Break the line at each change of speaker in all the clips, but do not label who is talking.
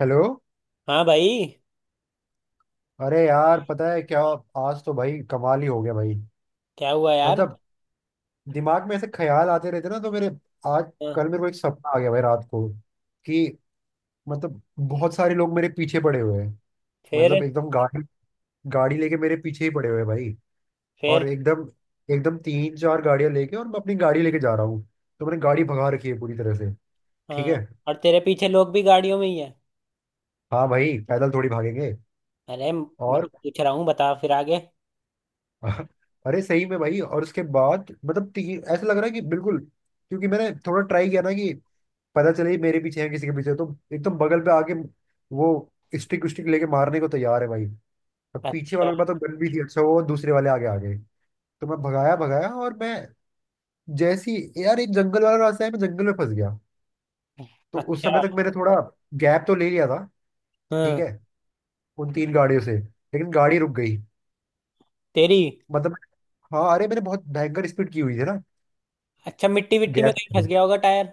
Hello.
हाँ भाई।
अरे यार, पता है क्या? आज तो भाई कमाल ही हो गया भाई।
क्या हुआ यार?
मतलब दिमाग में ऐसे ख्याल आते रहते ना तो मेरे। आज
हाँ।
कल मेरे को एक सपना आ गया भाई रात को कि मतलब बहुत सारे लोग मेरे पीछे पड़े हुए हैं। मतलब
फिर?
एकदम गाड़ी गाड़ी लेके मेरे पीछे ही पड़े हुए हैं भाई।
फिर?
और एकदम एकदम तीन चार गाड़ियां लेके, और मैं अपनी गाड़ी लेके जा रहा हूँ। तो मैंने गाड़ी भगा रखी है पूरी तरह से। ठीक
हाँ।
है।
और तेरे पीछे लोग भी गाड़ियों में ही है?
हाँ भाई, पैदल थोड़ी भागेंगे।
अरे मैं
और
पूछ रहा हूँ, बता फिर आगे।
अरे सही में भाई। और उसके बाद मतलब ऐसा लग रहा है कि बिल्कुल। क्योंकि मैंने थोड़ा ट्राई किया ना कि पता चले ये मेरे पीछे है किसी के पीछे, तो एकदम बगल पे आके वो स्टिक स्टिक लेके मारने को तैयार है भाई। अब पीछे
अच्छा।
वालों के पास तो गन भी थी। अच्छा, वो दूसरे वाले आगे आ गए। तो मैं भगाया भगाया। और मैं जैसी यार, एक जंगल वाला रास्ता है, मैं जंगल में फंस गया। तो उस
अच्छा।
समय तक मैंने थोड़ा गैप तो ले लिया था। ठीक
हाँ।
है, उन तीन गाड़ियों से। लेकिन गाड़ी रुक गई।
तेरी?
मतलब, हाँ, अरे मैंने बहुत भयंकर स्पीड की हुई थी ना।
अच्छा, मिट्टी विट्टी में
गैप।
कहीं फंस गया होगा टायर।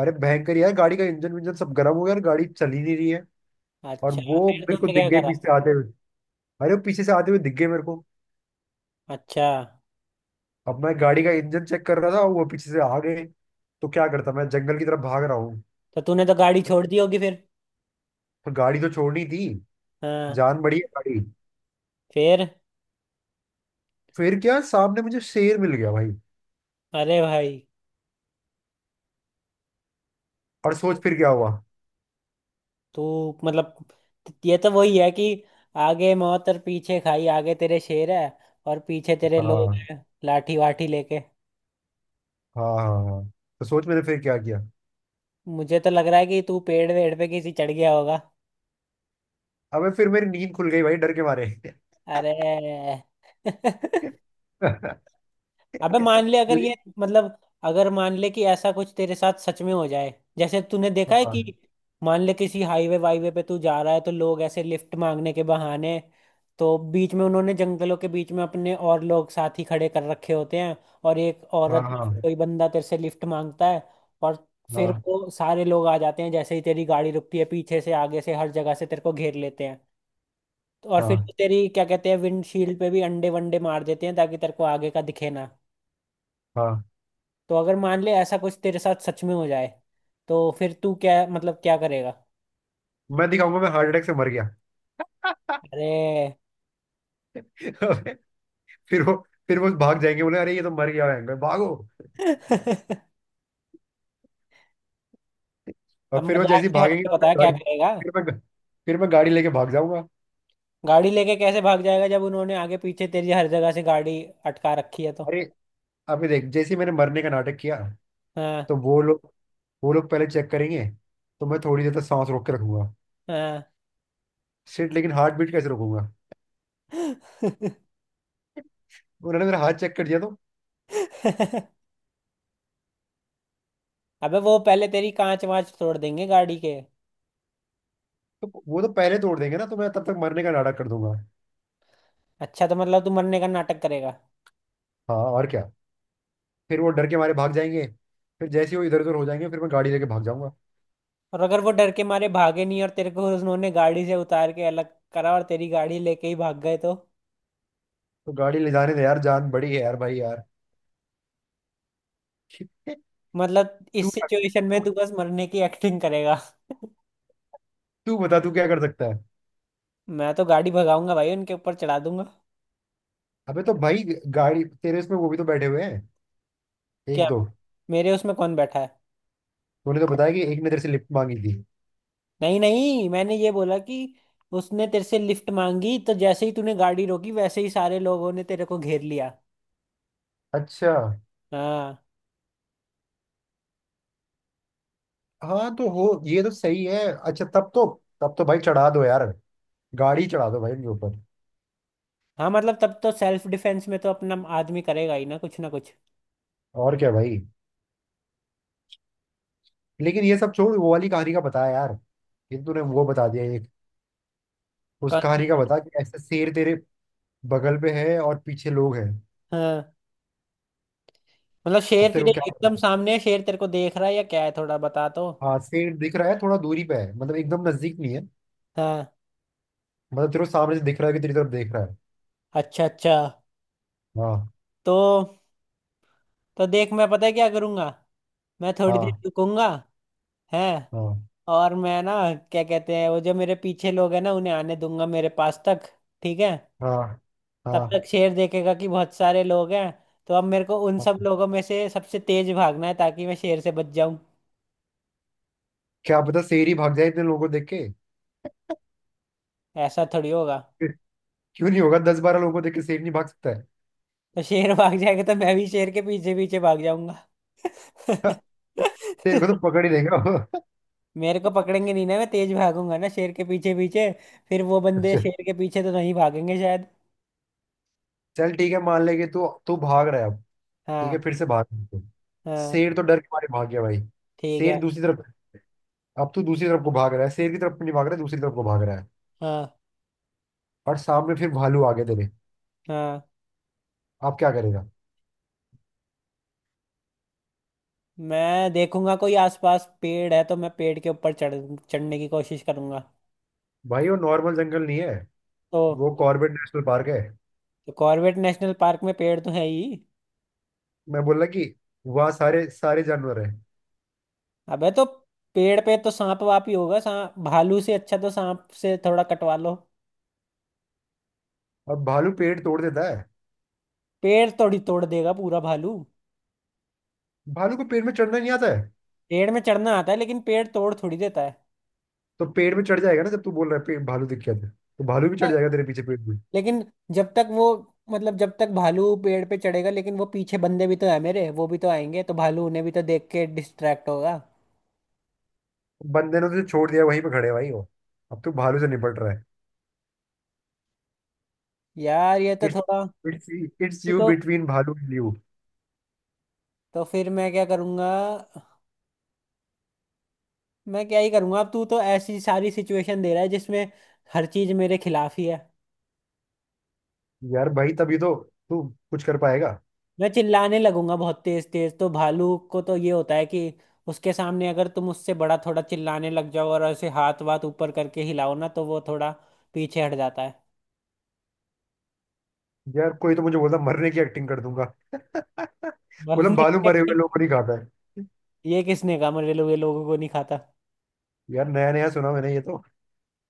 अरे भयंकर यार, गाड़ी का इंजन विंजन सब गर्म हो गया और गाड़ी चल ही नहीं रही है। और
अच्छा
वो
फिर
मेरे को
तूने
दिख
क्या
गए
करा?
पीछे से आते हुए। अरे वो पीछे से आते हुए दिख गए मेरे को।
अच्छा।
अब मैं गाड़ी का इंजन चेक कर रहा था, वो पीछे से आ गए। तो क्या करता, मैं जंगल की तरफ भाग रहा हूँ।
तो तूने तो गाड़ी छोड़ दी होगी फिर।
पर गाड़ी तो छोड़नी थी,
हाँ।
जान बड़ी है गाड़ी।
फिर?
फिर क्या, सामने मुझे शेर मिल गया भाई।
अरे भाई!
और सोच फिर क्या हुआ।
तू, मतलब, ये तो वही है कि आगे मौत और पीछे खाई। आगे तेरे शेर है और पीछे तेरे लोग
हाँ
हैं लाठी वाठी लेके।
हाँ हाँ हाँ। तो सोच मैंने फिर क्या किया।
मुझे तो लग रहा है कि तू पेड़ वेड़ पे किसी चढ़ गया होगा।
अबे फिर मेरी नींद खुल गई भाई डर के मारे।
अरे अबे मान ले अगर ये,
लेकिन-
मतलब, अगर मान ले कि ऐसा कुछ तेरे साथ सच में हो जाए, जैसे तूने देखा है
हाँ
कि, मान ले किसी हाईवे वाईवे पे तू जा रहा है तो लोग ऐसे लिफ्ट मांगने के बहाने, तो बीच में उन्होंने जंगलों के बीच में अपने और लोग साथी खड़े कर रखे होते हैं, और एक
हाँ
औरत या फिर
हाँ
कोई बंदा तेरे से लिफ्ट मांगता है। और फिर
हाँ
वो सारे लोग आ जाते हैं जैसे ही तेरी गाड़ी रुकती है, पीछे से आगे से हर जगह से तेरे को घेर लेते हैं। तो और फिर वो
हाँ
तेरी क्या कहते हैं, विंडशील्ड पे भी अंडे वंडे मार देते हैं ताकि तेरे को आगे का दिखे ना।
हाँ।
तो अगर मान ले ऐसा कुछ तेरे साथ सच में हो जाए तो फिर तू क्या, मतलब, क्या करेगा?
मैं दिखाऊंगा मैं हार्ट अटैक से मर गया।
अरे
फिर वो फिर वो भाग जाएंगे, बोले अरे ये तो मर गया है, भागो। और
अब
फिर वो जैसे
मजाक
ही
से हट
भागेंगे
के
और फिर
बता क्या
गाड़ी,
करेगा।
फिर मैं फिर मैं गाड़ी लेके भाग जाऊंगा।
गाड़ी लेके कैसे भाग जाएगा जब उन्होंने आगे पीछे तेरी हर जगह से गाड़ी अटका रखी है तो?
अरे अभी देख, जैसे ही मैंने मरने का नाटक किया
हाँ।
तो वो लोग पहले चेक करेंगे। तो मैं थोड़ी देर तक सांस रोक के रखूंगा।
हाँ।
सिर्फ लेकिन हार्ट बीट कैसे रोकूंगा? उन्होंने मेरा हाथ चेक कर दिया तो।
अबे वो पहले तेरी कांच वांच तोड़ देंगे गाड़ी के।
तो वो तो पहले तोड़ देंगे ना, तो मैं तब तक मरने का नाटक कर दूंगा।
अच्छा तो मतलब तू मरने का नाटक करेगा।
हाँ और क्या। फिर वो डर के मारे भाग जाएंगे। फिर जैसे ही वो इधर उधर हो जाएंगे, फिर मैं गाड़ी लेके भाग जाऊंगा।
और अगर वो डर के मारे भागे नहीं और तेरे को उन्होंने गाड़ी से उतार के अलग करा और तेरी गाड़ी लेके ही भाग गए तो?
तो गाड़ी ले जाने दे यार, जान बड़ी है यार भाई यार। तू
मतलब इस
क्या,
सिचुएशन में
तू
तू बस मरने की एक्टिंग करेगा?
तू बता, तू क्या कर सकता है।
मैं तो गाड़ी भगाऊंगा भाई, उनके ऊपर चढ़ा दूंगा।
अबे तो भाई, गाड़ी तेरे इसमें वो भी तो बैठे हुए हैं।
क्या?
एक दो।
मेरे उसमें कौन बैठा है?
तूने तो बताया कि एक ने तेरे से लिफ्ट मांगी थी।
नहीं नहीं, मैंने ये बोला कि उसने तेरे से लिफ्ट मांगी, तो जैसे ही तूने गाड़ी रोकी वैसे ही सारे लोगों ने तेरे को घेर लिया।
अच्छा।
हाँ।
हाँ तो, हो, ये तो सही है। अच्छा तब तो, भाई चढ़ा दो यार, गाड़ी चढ़ा दो भाई उनके ऊपर।
हाँ मतलब तब तो सेल्फ डिफेंस में तो अपना आदमी करेगा ही ना कुछ ना कुछ।
और क्या भाई। लेकिन ये सब छोड़, वो वाली कहानी का बता यार। ये तूने वो बता दिया एक। उस कहानी का
कौन-?
बता कि ऐसे शेर तेरे बगल में है और पीछे लोग हैं।
हाँ मतलब
अब
शेर
तेरे
तेरे
को क्या
एकदम
करना?
सामने है, शेर तेरे को देख रहा है या क्या है, थोड़ा बता तो।
हाँ, शेर दिख रहा है, थोड़ा दूरी पे है, मतलब एकदम नजदीक नहीं है।
हाँ।
मतलब तेरे को सामने से दिख रहा है कि तेरी तरफ देख रहा है।
अच्छा अच्छा।
हाँ
तो तो देख मैं पता है क्या करूंगा। मैं थोड़ी देर
हाँ
रुकूंगा। है।
हाँ
और मैं ना, क्या कहते हैं वो, जो मेरे पीछे लोग हैं ना उन्हें आने दूंगा मेरे पास तक। ठीक है।
हाँ
तब
हाँ
तक शेर देखेगा कि बहुत सारे लोग हैं। तो अब मेरे को उन सब
हाँ।
लोगों में से सबसे तेज भागना है ताकि मैं शेर से बच जाऊं।
क्या पता शेर ही भाग जाए इतने लोगों को देख के।
ऐसा थोड़ी होगा।
क्यों नहीं होगा, दस बारह लोगों को देख के शेर नहीं भाग सकता है?
तो शेर भाग जाएगा तो मैं भी शेर के पीछे पीछे भाग जाऊंगा।
शेर को तो पकड़ ही देगा वो।
मेरे को पकड़ेंगे नहीं ना, मैं तेज भागूंगा ना शेर के पीछे पीछे। फिर वो बंदे
अच्छा।
शेर के पीछे तो नहीं भागेंगे शायद।
चल ठीक है, मान ले कि तू तू भाग रहा है अब। ठीक है,
हाँ।
फिर से भाग तू।
हाँ।
शेर तो डर के मारे भाग गया भाई।
ठीक
शेर
है।
दूसरी तरफ। अब तू दूसरी तरफ को भाग रहा है, शेर की तरफ नहीं भाग रहा है, दूसरी तरफ को भाग रहा है।
हाँ।
और सामने फिर भालू आ गए तेरे।
हाँ।
अब क्या करेगा?
मैं देखूंगा कोई आसपास पेड़ है तो मैं पेड़ के ऊपर चढ़ने की कोशिश करूंगा।
भाई वो नॉर्मल जंगल नहीं है,
तो,
वो कॉर्बेट नेशनल पार्क है।
तो कॉर्बेट नेशनल पार्क में पेड़ तो है ही।
मैं बोल रहा कि वहाँ सारे सारे जानवर है।
अबे तो पेड़ पे तो सांप वाप ही होगा, सांप भालू से अच्छा, तो सांप से थोड़ा कटवा लो।
और भालू पेड़ तोड़ देता है।
पेड़ थोड़ी तोड़ देगा पूरा भालू।
भालू को पेड़ में चढ़ना नहीं आता है।
पेड़ में चढ़ना आता है लेकिन पेड़ तोड़ थोड़ी देता
तो पेड़ में चढ़ जाएगा ना, जब तू बोल रहा है पेड़, भालू दिख गया तुझे, तो भालू भी चढ़ जाएगा
है।
तेरे पीछे पेड़ में।
लेकिन जब तक वो, मतलब, जब तक भालू पेड़ पे चढ़ेगा, लेकिन वो पीछे बंदे भी तो है मेरे, वो भी तो आएंगे तो भालू उन्हें भी तो देख के डिस्ट्रैक्ट होगा।
बंदे ने तुझे छोड़ दिया, वहीं पे खड़े हैं भाई, हो, अब तू भालू से निपट रहा है।
यार ये तो
इट्स
थोड़ा,
इट्स इट्स
तू
यू
तो
बिटवीन भालू एंड यू।
तो फिर मैं क्या करूँगा? मैं क्या ही करूँगा, अब तू तो ऐसी सारी सिचुएशन दे रहा है जिसमें हर चीज़ मेरे खिलाफ ही है।
यार भाई, तभी तो तू कुछ कर पाएगा।
मैं चिल्लाने लगूंगा बहुत तेज तेज, तो भालू को तो ये होता है कि उसके सामने अगर तुम उससे बड़ा थोड़ा चिल्लाने लग जाओ और ऐसे हाथ वाथ ऊपर करके हिलाओ ना तो वो थोड़ा पीछे हट जाता है।
यार कोई तो मुझे बोलता, मरने की एक्टिंग कर दूंगा। बोला
वरना
भालू मरे हुए लोग को नहीं खाता है।
ये किसने कहा मरे हुए लोगों को नहीं खाता?
यार नया नया सुना मैंने ये तो।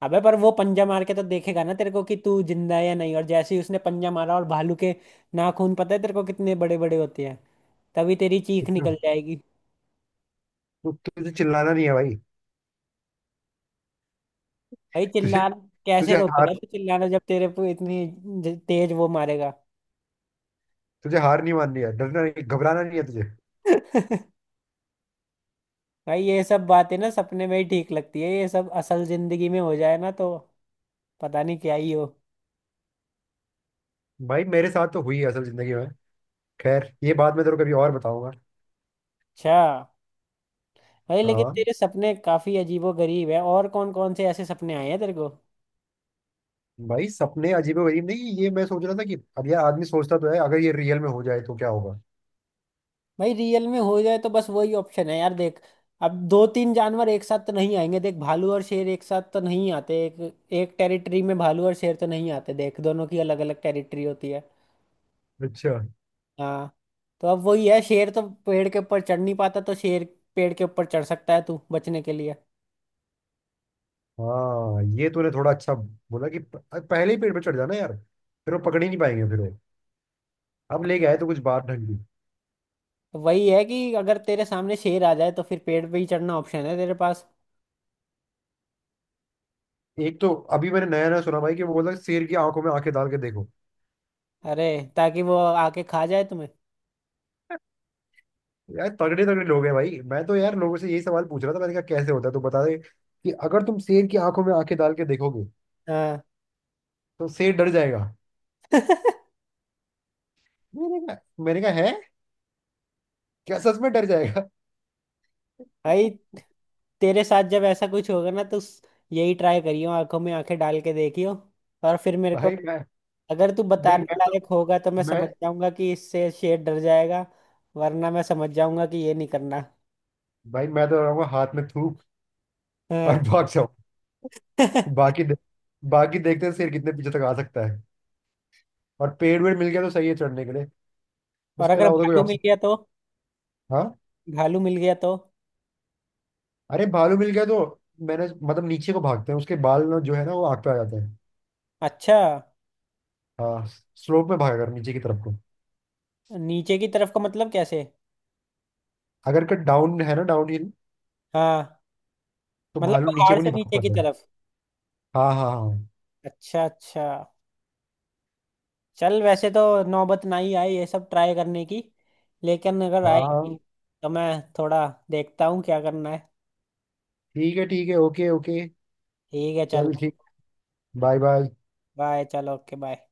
अबे पर वो पंजा मार के तो देखेगा ना तेरे को कि तू जिंदा है या नहीं, और जैसे ही उसने पंजा मारा, और भालू के नाखून पता है तेरे को कितने बड़े बड़े होते हैं, तभी तेरी चीख निकल
इतना-
जाएगी।
तुझे चिल्लाना नहीं है भाई।
भाई
तुझे
चिल्ला कैसे
तुझे हार
रोकेगा तू चिल्लाना जब तेरे पे इतनी ज- तेज वो मारेगा।
तुझे हार नहीं माननी है, डरना नहीं, घबराना नहीं है तुझे।
भाई ये सब बातें ना सपने में ही ठीक लगती है, ये सब असल जिंदगी में हो जाए ना तो पता नहीं क्या ही हो।
भाई मेरे साथ तो हुई है असल जिंदगी में। खैर ये बात मैं तेरे को कभी और बताऊंगा।
अच्छा। भाई लेकिन
हाँ,
तेरे सपने काफी अजीबो गरीब है, और कौन कौन से ऐसे सपने आए हैं तेरे को?
भाई सपने अजीबो गरीब नहीं है, ये मैं सोच रहा था कि अब यार आदमी सोचता तो है, अगर ये रियल में हो जाए तो क्या होगा।
भाई रियल में हो जाए तो बस वही ऑप्शन है यार, देख। अब दो तीन जानवर एक साथ तो नहीं आएंगे, देख भालू और शेर एक साथ तो नहीं आते, एक एक टेरिटरी में भालू और शेर तो नहीं आते, देख दोनों की अलग अलग टेरिटरी होती है।
अच्छा।
हाँ। तो अब वही है, शेर तो पेड़ के ऊपर चढ़ नहीं पाता, तो शेर पेड़ के ऊपर चढ़ सकता है तू बचने के लिए।
हाँ, ये तूने थोड़ा अच्छा बोला कि पहले ही पेड़ पे चढ़ जाना यार, फिर वो पकड़ ही नहीं पाएंगे। फिर वो अब
हाँ।
लेके आए तो कुछ बात ढंगी।
तो वही है कि अगर तेरे सामने शेर आ जाए तो फिर पेड़ पे ही चढ़ना ऑप्शन है तेरे पास।
एक तो अभी मैंने नया नया सुना भाई कि वो बोला शेर की आंखों में आंखें डाल के देखो।
अरे, ताकि वो आके खा जाए तुम्हें।
यार तगड़े तगड़े लोग हैं भाई, मैं तो यार लोगों से यही सवाल पूछ रहा था, मैंने कहा कैसे होता है तो बता दे कि अगर तुम शेर की आंखों में आंखें डाल के देखोगे
हाँ
तो शेर डर जाएगा? मैंने कहा, मैंने कहा है क्या सच में डर जाएगा?
भाई तेरे साथ जब ऐसा कुछ होगा ना तो स-, यही ट्राई करियो, आंखों में आंखें डाल के देखियो। और फिर मेरे को
भाई मैं
अगर तू
देख
बताने
मैं तो
लायक होगा तो मैं
मैं
समझ जाऊंगा कि इससे शेर डर जाएगा, वरना मैं समझ जाऊंगा कि ये नहीं करना।
भाई मैं तो रहूंगा हाथ में थूक, और
हाँ
भाग जाऊं। बाकी दे, बाकी देखते हैं शेर कितने पीछे तक आ सकता है। और पेड़ वेड़ मिल गया तो सही है चढ़ने के लिए।
और
उसके
अगर
अलावा तो कोई
भालू मिल
ऑप्शन।
गया तो?
हाँ।
भालू मिल गया तो?
अरे भालू मिल गया तो, मैंने मतलब नीचे को भागते हैं उसके बाल ना जो है ना वो आग पे आ जाते हैं।
अच्छा।
हाँ। स्लोप में भागा कर नीचे की तरफ को।
नीचे की तरफ का मतलब कैसे?
अगर कट डाउन है ना, डाउन हिल,
हाँ।
तो
मतलब
भालू नीचे
पहाड़
को
से
नहीं भाग
नीचे की
पाते।
तरफ?
हाँ हाँ हाँ
अच्छा अच्छा। चल वैसे तो नौबत ना ही आए ये सब ट्राई करने की, लेकिन अगर आएगी
हाँ।
तो मैं थोड़ा देखता हूँ क्या करना है।
ठीक है ठीक है। Okay okay.
ठीक है चल।
चल ठीक। Bye bye.
बाय चल, ओके बाय।